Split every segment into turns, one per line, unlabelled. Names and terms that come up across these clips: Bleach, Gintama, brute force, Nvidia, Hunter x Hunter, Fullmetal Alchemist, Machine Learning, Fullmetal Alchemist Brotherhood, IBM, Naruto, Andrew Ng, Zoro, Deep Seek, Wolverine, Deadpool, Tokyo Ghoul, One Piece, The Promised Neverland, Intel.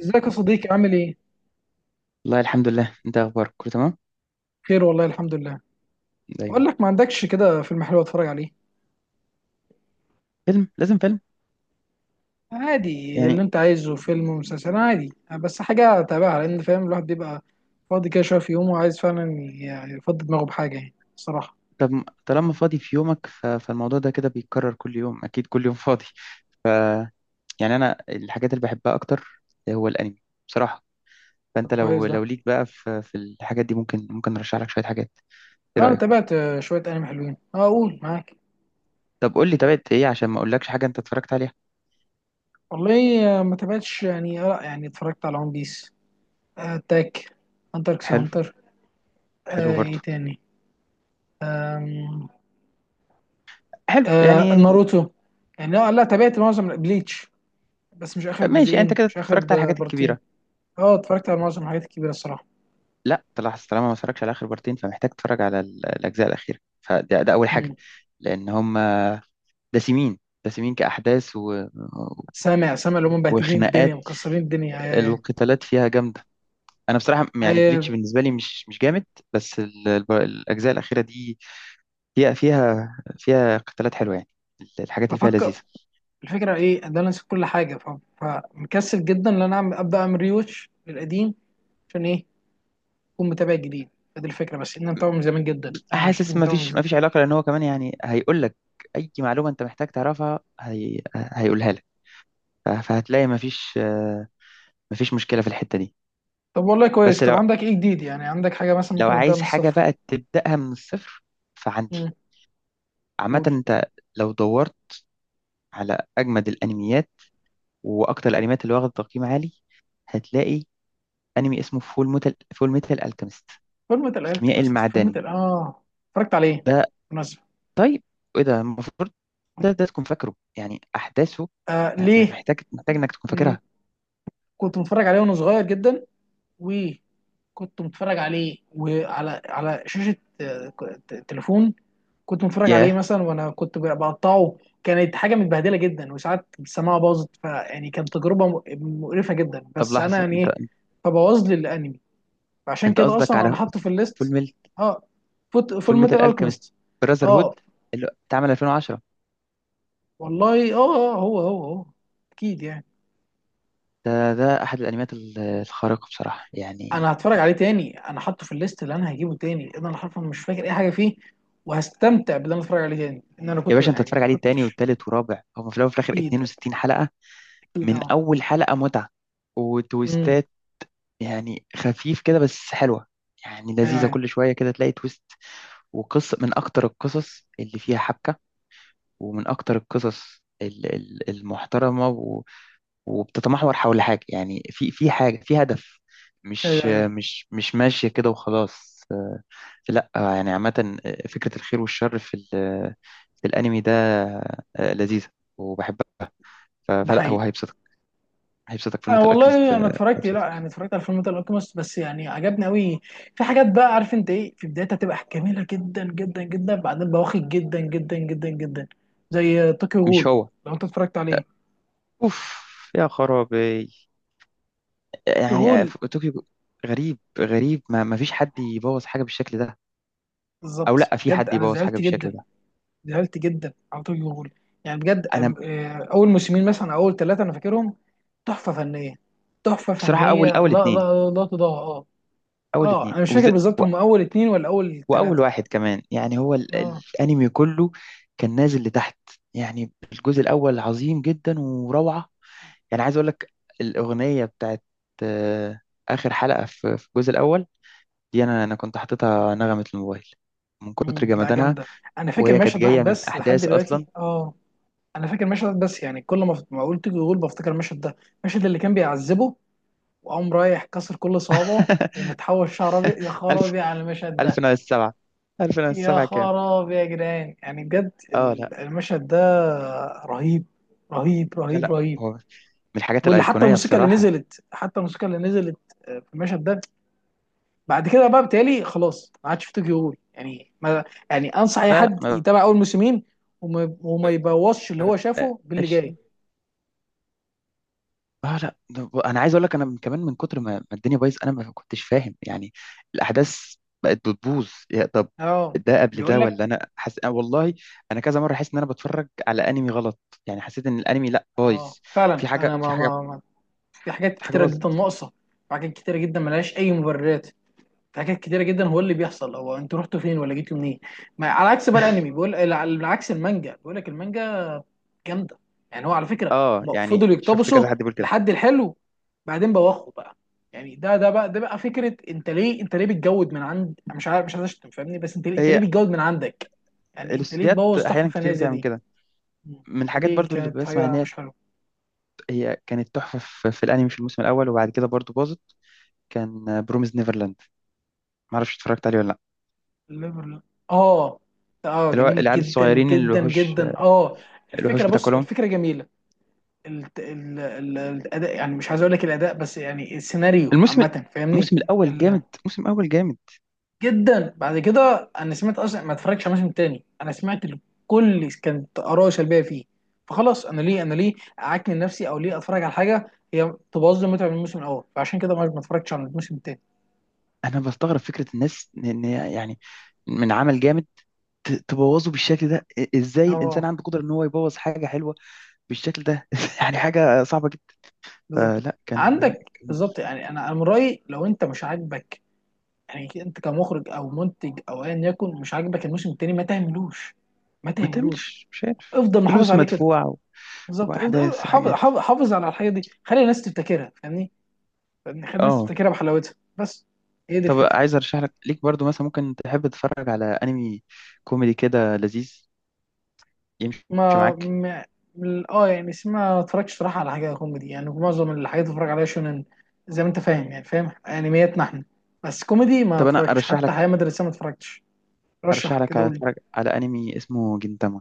ازيك يا صديقي عامل ايه؟
والله الحمد لله. انت إيه اخبارك؟ كله تمام
خير والله الحمد لله.
دايما.
بقول لك ما عندكش كده فيلم حلو اتفرج عليه؟
فيلم؟ لازم فيلم
عادي اللي
يعني.
انت عايزه فيلم ومسلسل عادي، بس حاجة تابعها لان فاهم الواحد بيبقى فاضي كده شوية في يومه وعايز فعلا يفضي دماغه بحاجة، يعني الصراحة.
طب طالما فاضي في يومك فالموضوع ده كده بيتكرر كل يوم، اكيد كل يوم فاضي يعني. انا الحاجات اللي بحبها اكتر هو الانمي بصراحة.
طب،
فانت
كويس
لو
ده.
لو ليك بقى في الحاجات دي، ممكن ارشح لك شوية حاجات. ايه
انا
رأيك؟
تابعت شوية انمي حلوين. اه، اقول معاك.
طب قول لي تابعت ايه عشان ما اقولكش حاجة انت اتفرجت عليها.
والله ما تابعتش، يعني لا، يعني اتفرجت على ون بيس، اتاك، هانتر اكس
حلو.
هانتر.
حلو برضو.
ايه تاني؟ آم.
حلو يعني.
ناروتو. يعني لا لا، تابعت معظم بليتش، بس مش اخر
ماشي، انت
جزئين،
كده
مش اخر
اتفرجت على الحاجات
بارتين.
الكبيرة.
اه، اتفرجت على معظم الحاجات الكبيره الصراحه.
لا، طلع طالما ما اتفرجش على اخر بارتين، فمحتاج تتفرج على الاجزاء الاخيرة، ده اول حاجة.
مم.
لان هم دسمين، دسمين كأحداث
سامع سامع اللي هم مبهدلين الدنيا،
وخناقات.
مكسرين الدنيا
القتالات فيها جامدة. أنا بصراحة يعني
هي-
بليتش بالنسبة لي مش جامد، بس الأجزاء الأخيرة دي هي فيها، فيها قتالات حلوة يعني. الحاجات اللي فيها
بفكر.
لذيذة.
الفكره ايه؟ ان انا نسيت كل حاجه، فمكسل جدا ان انا ابدا اعمل ريوتش للقديم. عشان ايه؟ اكون متابع جديد. فدي الفكره، بس ان انا متابع من زمان جدا، انا مش فاكر،
حاسس ما
متابع من
فيش
زمان.
ما فيش علاقة، لأن هو كمان يعني هيقول لك أي معلومة أنت محتاج تعرفها هيقولها لك. فهتلاقي ما فيش ما فيش مشكلة في الحتة دي.
طب والله كويس.
بس
طب
لو،
عندك ايه جديد؟ يعني عندك حاجه مثلا
لو
ممكن ابدا من
عايز حاجة
الصفر.
بقى تبدأها من الصفر، فعندي.
مم.
عامة
قول.
أنت لو دورت على أجمد الأنميات وأكتر الأنميات اللي واخدة تقييم عالي، هتلاقي أنمي اسمه فول ميتال ألكيميست،
فورمة
الكيميائي
الالكيمست، فورمة
المعدني
ال اه اتفرجت عليه
ده.
بالمناسبة.
طيب إيه ده؟ المفروض ده تكون فاكره يعني أحداثه.
آه،
آه،
ليه؟
محتاج إنك تكون فاكرها.
كنت متفرج عليه وانا صغير جدا، وكنت متفرج عليه، وعلى شاشة تليفون. كنت متفرج عليه
ياه.
مثلا وانا كنت بقطعه، كانت حاجة متبهدلة جدا، وساعات السماعة باظت، فيعني كانت تجربة مقرفة جدا،
طب
بس انا
لحظة
يعني
أنت،
ايه؟ فبوظ لي الانمي، فعشان
أنت
كده
قصدك
اصلا انا
على
حاطه في
فول
الليست.
ميل،
اه،
فول
فول ميتال
ميتال ألكيميست
الكيمست.
براذر هود
اه.
اللي اتعمل 2010؟
والله اه، هو، اكيد يعني.
ده ده أحد الأنميات الخارقة بصراحة
انا
يعني.
هتفرج عليه تاني، انا حاطه في الليست اللي انا هجيبه تاني، انا حرفيا مش فاكر اي حاجه فيه، وهستمتع باللي انا اتفرج عليه تاني، ان انا
يا
كنت
باشا انت
يعني
تتفرج
ما
عليه تاني
كنتش.
والتالت ورابع، هو في الاول وفي الاخر
اكيد.
62 حلقه.
اكيد
من
اه.
اول حلقة متعة
امم.
وتويستات. يعني خفيف كده بس حلوة يعني،
ايوه
لذيذة.
ايوه
كل شوية كده تلاقي تويست. وقصة من اكتر القصص اللي فيها حبكة، ومن اكتر القصص المحترمة وبتتمحور حول حاجة يعني، في حاجة، في هدف.
ايوه
مش
ايوه.
مش ماشية كده وخلاص، لا يعني. عامة فكرة الخير والشر في الأنمي ده لذيذة وبحبها.
ده
فلا، هو
حقيقي.
هيبسطك. هيبسطك فيلم
أنا
الألكيميست.
والله انا اتفرجت، لا،
هيبسطك.
يعني اتفرجت على فيلم الالكيميست، بس يعني عجبني قوي. في حاجات بقى، عارف انت ايه؟ في بدايتها تبقى جميله جدا جدا جدا، بعدين بواخد جدا جدا جدا جدا، زي طوكيو
مش
غول.
هو؟
لو انت اتفرجت عليه،
اوف، يا خرابي
طوكيو
يعني.
غول،
طوكيو. غريب، غريب ما فيش حد يبوظ حاجه بالشكل ده. او
بالظبط،
لا، في
بجد
حد
انا
يبوظ حاجه
زعلت
بالشكل
جدا،
ده.
زعلت جدا على توجي هول. يعني بجد
انا
اول موسمين مثلا، أو اول ثلاثه انا فاكرهم. تحفه فنيه. تحفه
بصراحه، اول
فنيه، لا
اول
لا
اتنين
لا، لا تضاهى، اه.
اول
اه،
اتنين
انا مش
وز...
فاكر بالظبط
و...
هم اول اتنين ولا اول
واول
ثلاثه.
واحد كمان يعني. هو
اه.
الانمي كله كان نازل لتحت. يعني الجزء الاول عظيم جدا وروعه. يعني عايز اقول لك، الاغنيه بتاعت آه، اخر حلقه في الجزء الاول دي، انا كنت حاططها نغمه الموبايل من كتر
مم، لا
جمدانها.
جامده. انا فاكر
وهي كانت
مشهد واحد
جاية من
بس لحد
أحداث أصلا.
دلوقتي، اه. انا فاكر مشهد واحد بس، يعني كل ما قلت توجي هول بفتكر المشهد ده، المشهد اللي كان بيعذبه، وقام رايح كسر كل صوابعه ومتحول شعر ابيض. يا
ألف،
خرابي على المشهد
ألف
ده.
ناقص سبعة، ألف ناقص
يا
سبعة كام؟
خراب يا جدعان، يعني بجد
اه لا.
المشهد ده رهيب. رهيب
لا
رهيب
لا،
رهيب.
هو من الحاجات
واللي حتى
الأيقونية
الموسيقى اللي
بصراحة.
نزلت، حتى الموسيقى اللي نزلت في المشهد ده. بعد كده بقى بتهيألي خلاص ما عادش في طوكيو غول، يعني ما. يعني انصح اي
لا لا
حد
ما
يتابع اول موسمين، وما يبوظش اللي هو شافه باللي
بقاش.
جاي.
اه لا، انا عايز اقول لك، انا كمان من كتر ما الدنيا بايظ، انا ما كنتش فاهم يعني. الاحداث بقت بتبوظ يا طب.
اه.
ده قبل
بيقول
ده
لك.
ولا انا أنا والله انا كذا مره حاسس ان انا بتفرج على انمي غلط. يعني حسيت ان الانمي لا، بايظ.
اه فعلا
في
انا
حاجه، في
ما,
حاجه،
ما, ما في حاجات
في حاجه
كتيره جدا
باظت.
ناقصه، وحاجات كتيره جدا ملهاش اي مبررات. في حاجات كتيره جدا هو اللي بيحصل، هو انتوا رحتوا فين ولا جيتوا منين؟ ما على عكس بقى الانمي، بيقول على عكس المانجا، بيقول لك المانجا جامده. يعني هو على فكره،
اه
هم
يعني
فضلوا
شفت كذا
يقتبسوا
حد بيقول كده.
لحد الحلو، بعدين بوخوا بقى. يعني ده بقى فكره، انت ليه بتجود من عند، مش عارف، مش عايز اشتم، فاهمني، بس انت ليه
هي
بتجود من عندك. يعني انت ليه
الاستوديوهات
تبوظ تحفه
احيانا
فنيه
كتير
زي
بتعمل
دي؟
كده.
مم.
من الحاجات
فدي
برضو اللي
كانت
بسمع ان
حاجه
هي،
مش حلوه.
هي كانت تحفه في الانمي في الموسم الاول، وبعد كده برضو باظت. كان بروميز نيفرلاند، ما اعرفش اتفرجت عليه ولا لا؟
ليفرل، اه. اه
اللي هو
جميل
العيال
جدا
الصغيرين اللي
جدا
الوحوش،
جدا، اه.
الوحوش
الفكره، بص،
بتاكلهم.
الفكره جميله. الاداء، يعني مش عايز اقول لك الاداء، بس يعني السيناريو
الموسم
عامه، فاهمني.
الموسم الاول
ال-
جامد، الموسم الاول جامد.
جدا، بعد كده انا سمعت، اصلا ما اتفرجتش على موسم تاني، انا سمعت كانت اراء سلبيه فيه، فخلاص، انا ليه اعكن نفسي؟ او ليه اتفرج على حاجه هي تبوظ لي متعه من الموسم الاول؟ فعشان كده ما اتفرجتش على الموسم التاني.
انا بستغرب فكره الناس ان إن هي يعني، من عمل جامد تبوظه بالشكل ده. ازاي الانسان
اه.
عنده قدره ان هو يبوظ حاجه حلوه بالشكل ده؟ يعني حاجه صعبه جدا.
بالظبط.
فلا،
عندك بالظبط، يعني انا من رايي، لو انت مش عاجبك، يعني انت كمخرج او منتج او ايا يكن، مش عاجبك الموسم التاني، ما تعملوش. ما
ما
تعملوش.
تعملش، مش عارف،
افضل محافظ
فلوس
عليه كده.
مدفوعة
بالظبط، افضل
واحداث
حافظ
وحاجات.
حافظ حافظ على الحاجه دي، خلي الناس تفتكرها، فاهمني؟ فاهمني؟ خلي الناس
اه.
تفتكرها بحلاوتها بس. هي دي
طب
الفكره.
عايز ارشح لك، ليك برضو مثلا، ممكن تحب تتفرج على انمي كوميدي كده لذيذ يمشي
ما
معاك؟
ما- اه، يعني اسمها، ما اتفرجش صراحه على حاجه كوميدي، يعني معظم الحاجات اللي اتفرج عليها شونن، زي ما انت فاهم، يعني فاهم انمياتنا احنا. بس كوميدي ما
طب انا
اتفرجتش،
ارشح
حتى حياه
لك،
مدرسيه ما اتفرجتش.
ارشح
رشح
لك
كده،
على
قول لي.
تتفرج على انمي اسمه جنتاما.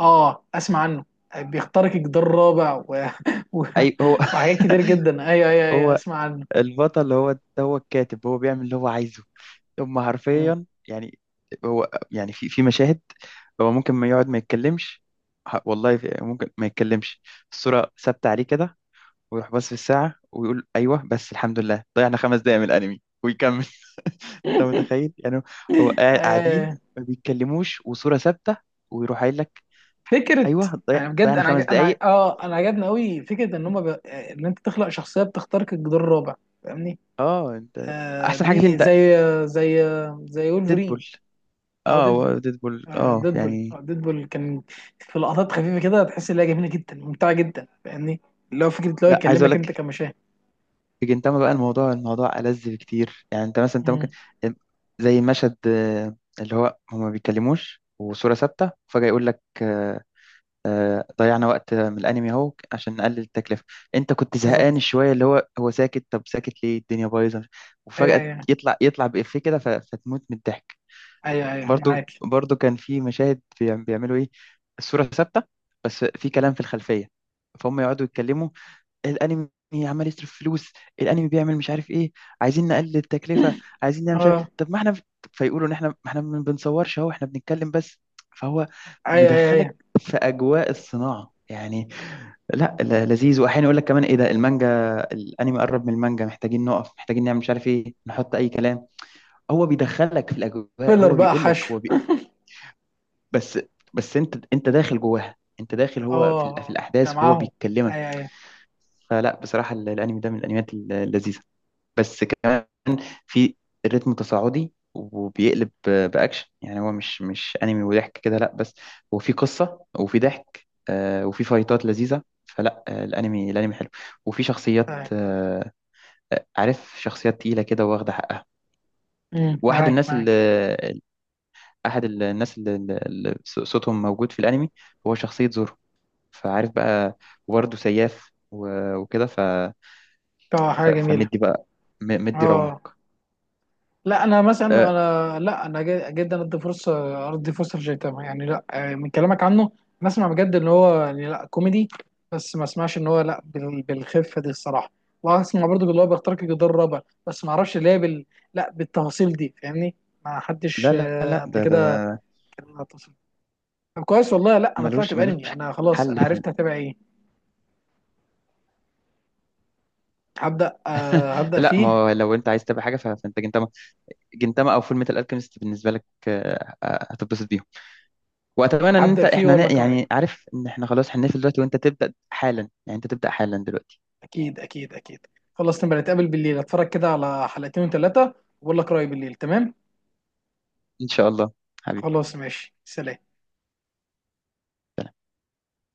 اه، اسمع عنه. بيخترق الجدار الرابع و...
اي هو.
وحاجات كتير جدا. ايوه ايوه ايوه،
هو
اسمع عنه.
البطل، هو هو الكاتب، هو بيعمل اللي هو عايزه. هم
مم.
حرفيا يعني. هو يعني في مشاهد، هو ممكن ما يقعد ما يتكلمش. والله ممكن ما يتكلمش. الصورة ثابتة عليه كده، ويروح باص في الساعة ويقول أيوه بس الحمد لله ضيعنا خمس دقايق من الأنمي ويكمل. أنت متخيل يعني؟ هو قاعدين
آه.
ما بيتكلموش وصورة ثابتة، ويروح قايل لك
فكره.
أيوه،
انا بجد،
ضيعنا خمس دقايق.
انا عجبني قوي فكره ان هم ان انت تخلق شخصيه بتخترق الجدار الرابع، فاهمني.
أه أنت،
آه،
أحسن حاجة فيه
دي
أنت.
زي زي وولفرين،
ديدبول.
او
أه
ديدبول.
هو ديدبول،
آه
أه
ديدبول،
يعني.
آه ديدبول كان في لقطات خفيفه كده، تحس ان هي جميله جدا، ممتعه جدا، فاهمني. اللي هو فكره اللي هو
لا عايز أقول
يكلمك انت
لك،
كمشاهد.
في جنتاما بقى، الموضوع ألذ بكتير. يعني أنت مثلا أنت ممكن،
مم،
زي مشهد اللي هو هما ما بيتكلموش وصورة ثابتة، فجأة يقول لك ضيعنا وقت من الانمي اهو عشان نقلل التكلفه. انت كنت
بالظبط.
زهقان شويه اللي هو هو ساكت، طب ساكت ليه؟ الدنيا بايظه.
ايوه
وفجاه
ايوه
يطلع بإفيه كده، فتموت من الضحك.
ايوه ايوه أيوة،
برضو،
معاك.
برضو كان في مشاهد بيعملوا ايه؟ الصوره ثابته بس في كلام في الخلفيه، فهم يقعدوا يتكلموا. الانمي عمال يصرف فلوس، الانمي بيعمل مش عارف ايه، عايزين نقلل التكلفه، عايزين نعمل مش عارف،
اه،
طب ما احنا. فيقولوا ان احنا، ما احنا ما بنصورش اهو، احنا بنتكلم بس. فهو
ايوه ايوه
مدخلك
ايوه.
في اجواء الصناعه يعني. لذيذ، واحيانا يقول لك كمان ايه ده، المانجا، الانمي قرب من المانجا، محتاجين نقف، محتاجين نعمل مش عارف ايه، نحط اي كلام. هو بيدخلك في الاجواء.
فيلر
هو
بقى،
بيقول لك،
حشو.
بس، بس انت، انت داخل جواها، انت داخل، هو في
اه، انت
الاحداث وهو
معاهم.
بيتكلمك.
ايوه ايوه
فلا بصراحة الأنمي ده من الأنميات اللذيذة، بس كمان في الريتم تصاعدي وبيقلب بأكشن. يعني هو مش أنمي وضحك كده لا، بس هو في قصة وفي ضحك آه، وفي فايتات لذيذة. فلا آه، الأنمي حلو. وفي شخصيات
ايوه.
عارف، شخصيات تقيلة كده واخدة حقها.
مم،
واحد
معاك
الناس
معاك.
اللي أحد الناس اللي، اللي صوتهم موجود في الأنمي، هو شخصية زورو. فعارف بقى، وبرضه سياف وكده.
اه، حاجه جميله.
فمدي بقى، مدي
اه،
رونق
لا، انا مثلا
آه،
انا، لا، انا جدا، ادي فرصه، لجيتاما، يعني لا، من كلامك عنه نسمع بجد ان هو يعني لا كوميدي، بس ما اسمعش ان هو لا بالخفه دي الصراحه، واسمع برضو اللي هو بيخترق الجدار الرابع، بس ما اعرفش اللي هي لا بالتفاصيل دي، فاهمني. ما
لا
حدش
لا لا.
قبل
ده ده
كده
ده
كان على التفاصيل. طب كويس والله. لا، انا
ملوش،
طلعت
ملوش
بانمي، انا خلاص انا
حل
عرفت هتابع ايه. هبدا
لا ما
فيه.
هو لو انت عايز تبقى حاجه، فانت جنتاما، جنتاما او فول ميتال الكيمست بالنسبه لك آه، آه، هتتبسط بيهم. واتمنى ان انت
هبدا فيه،
احنا
ولا؟
يعني عارف ان احنا خلاص هنقفل دلوقتي وانت تبدا حالا، يعني انت تبدا حالا دلوقتي.
اكيد اكيد اكيد. خلاص نبقى نتقابل بالليل، اتفرج كده على حلقتين وثلاثه واقول لك رايي بالليل. تمام.
ان شاء الله، حبيبي.
خلاص ماشي، سلام.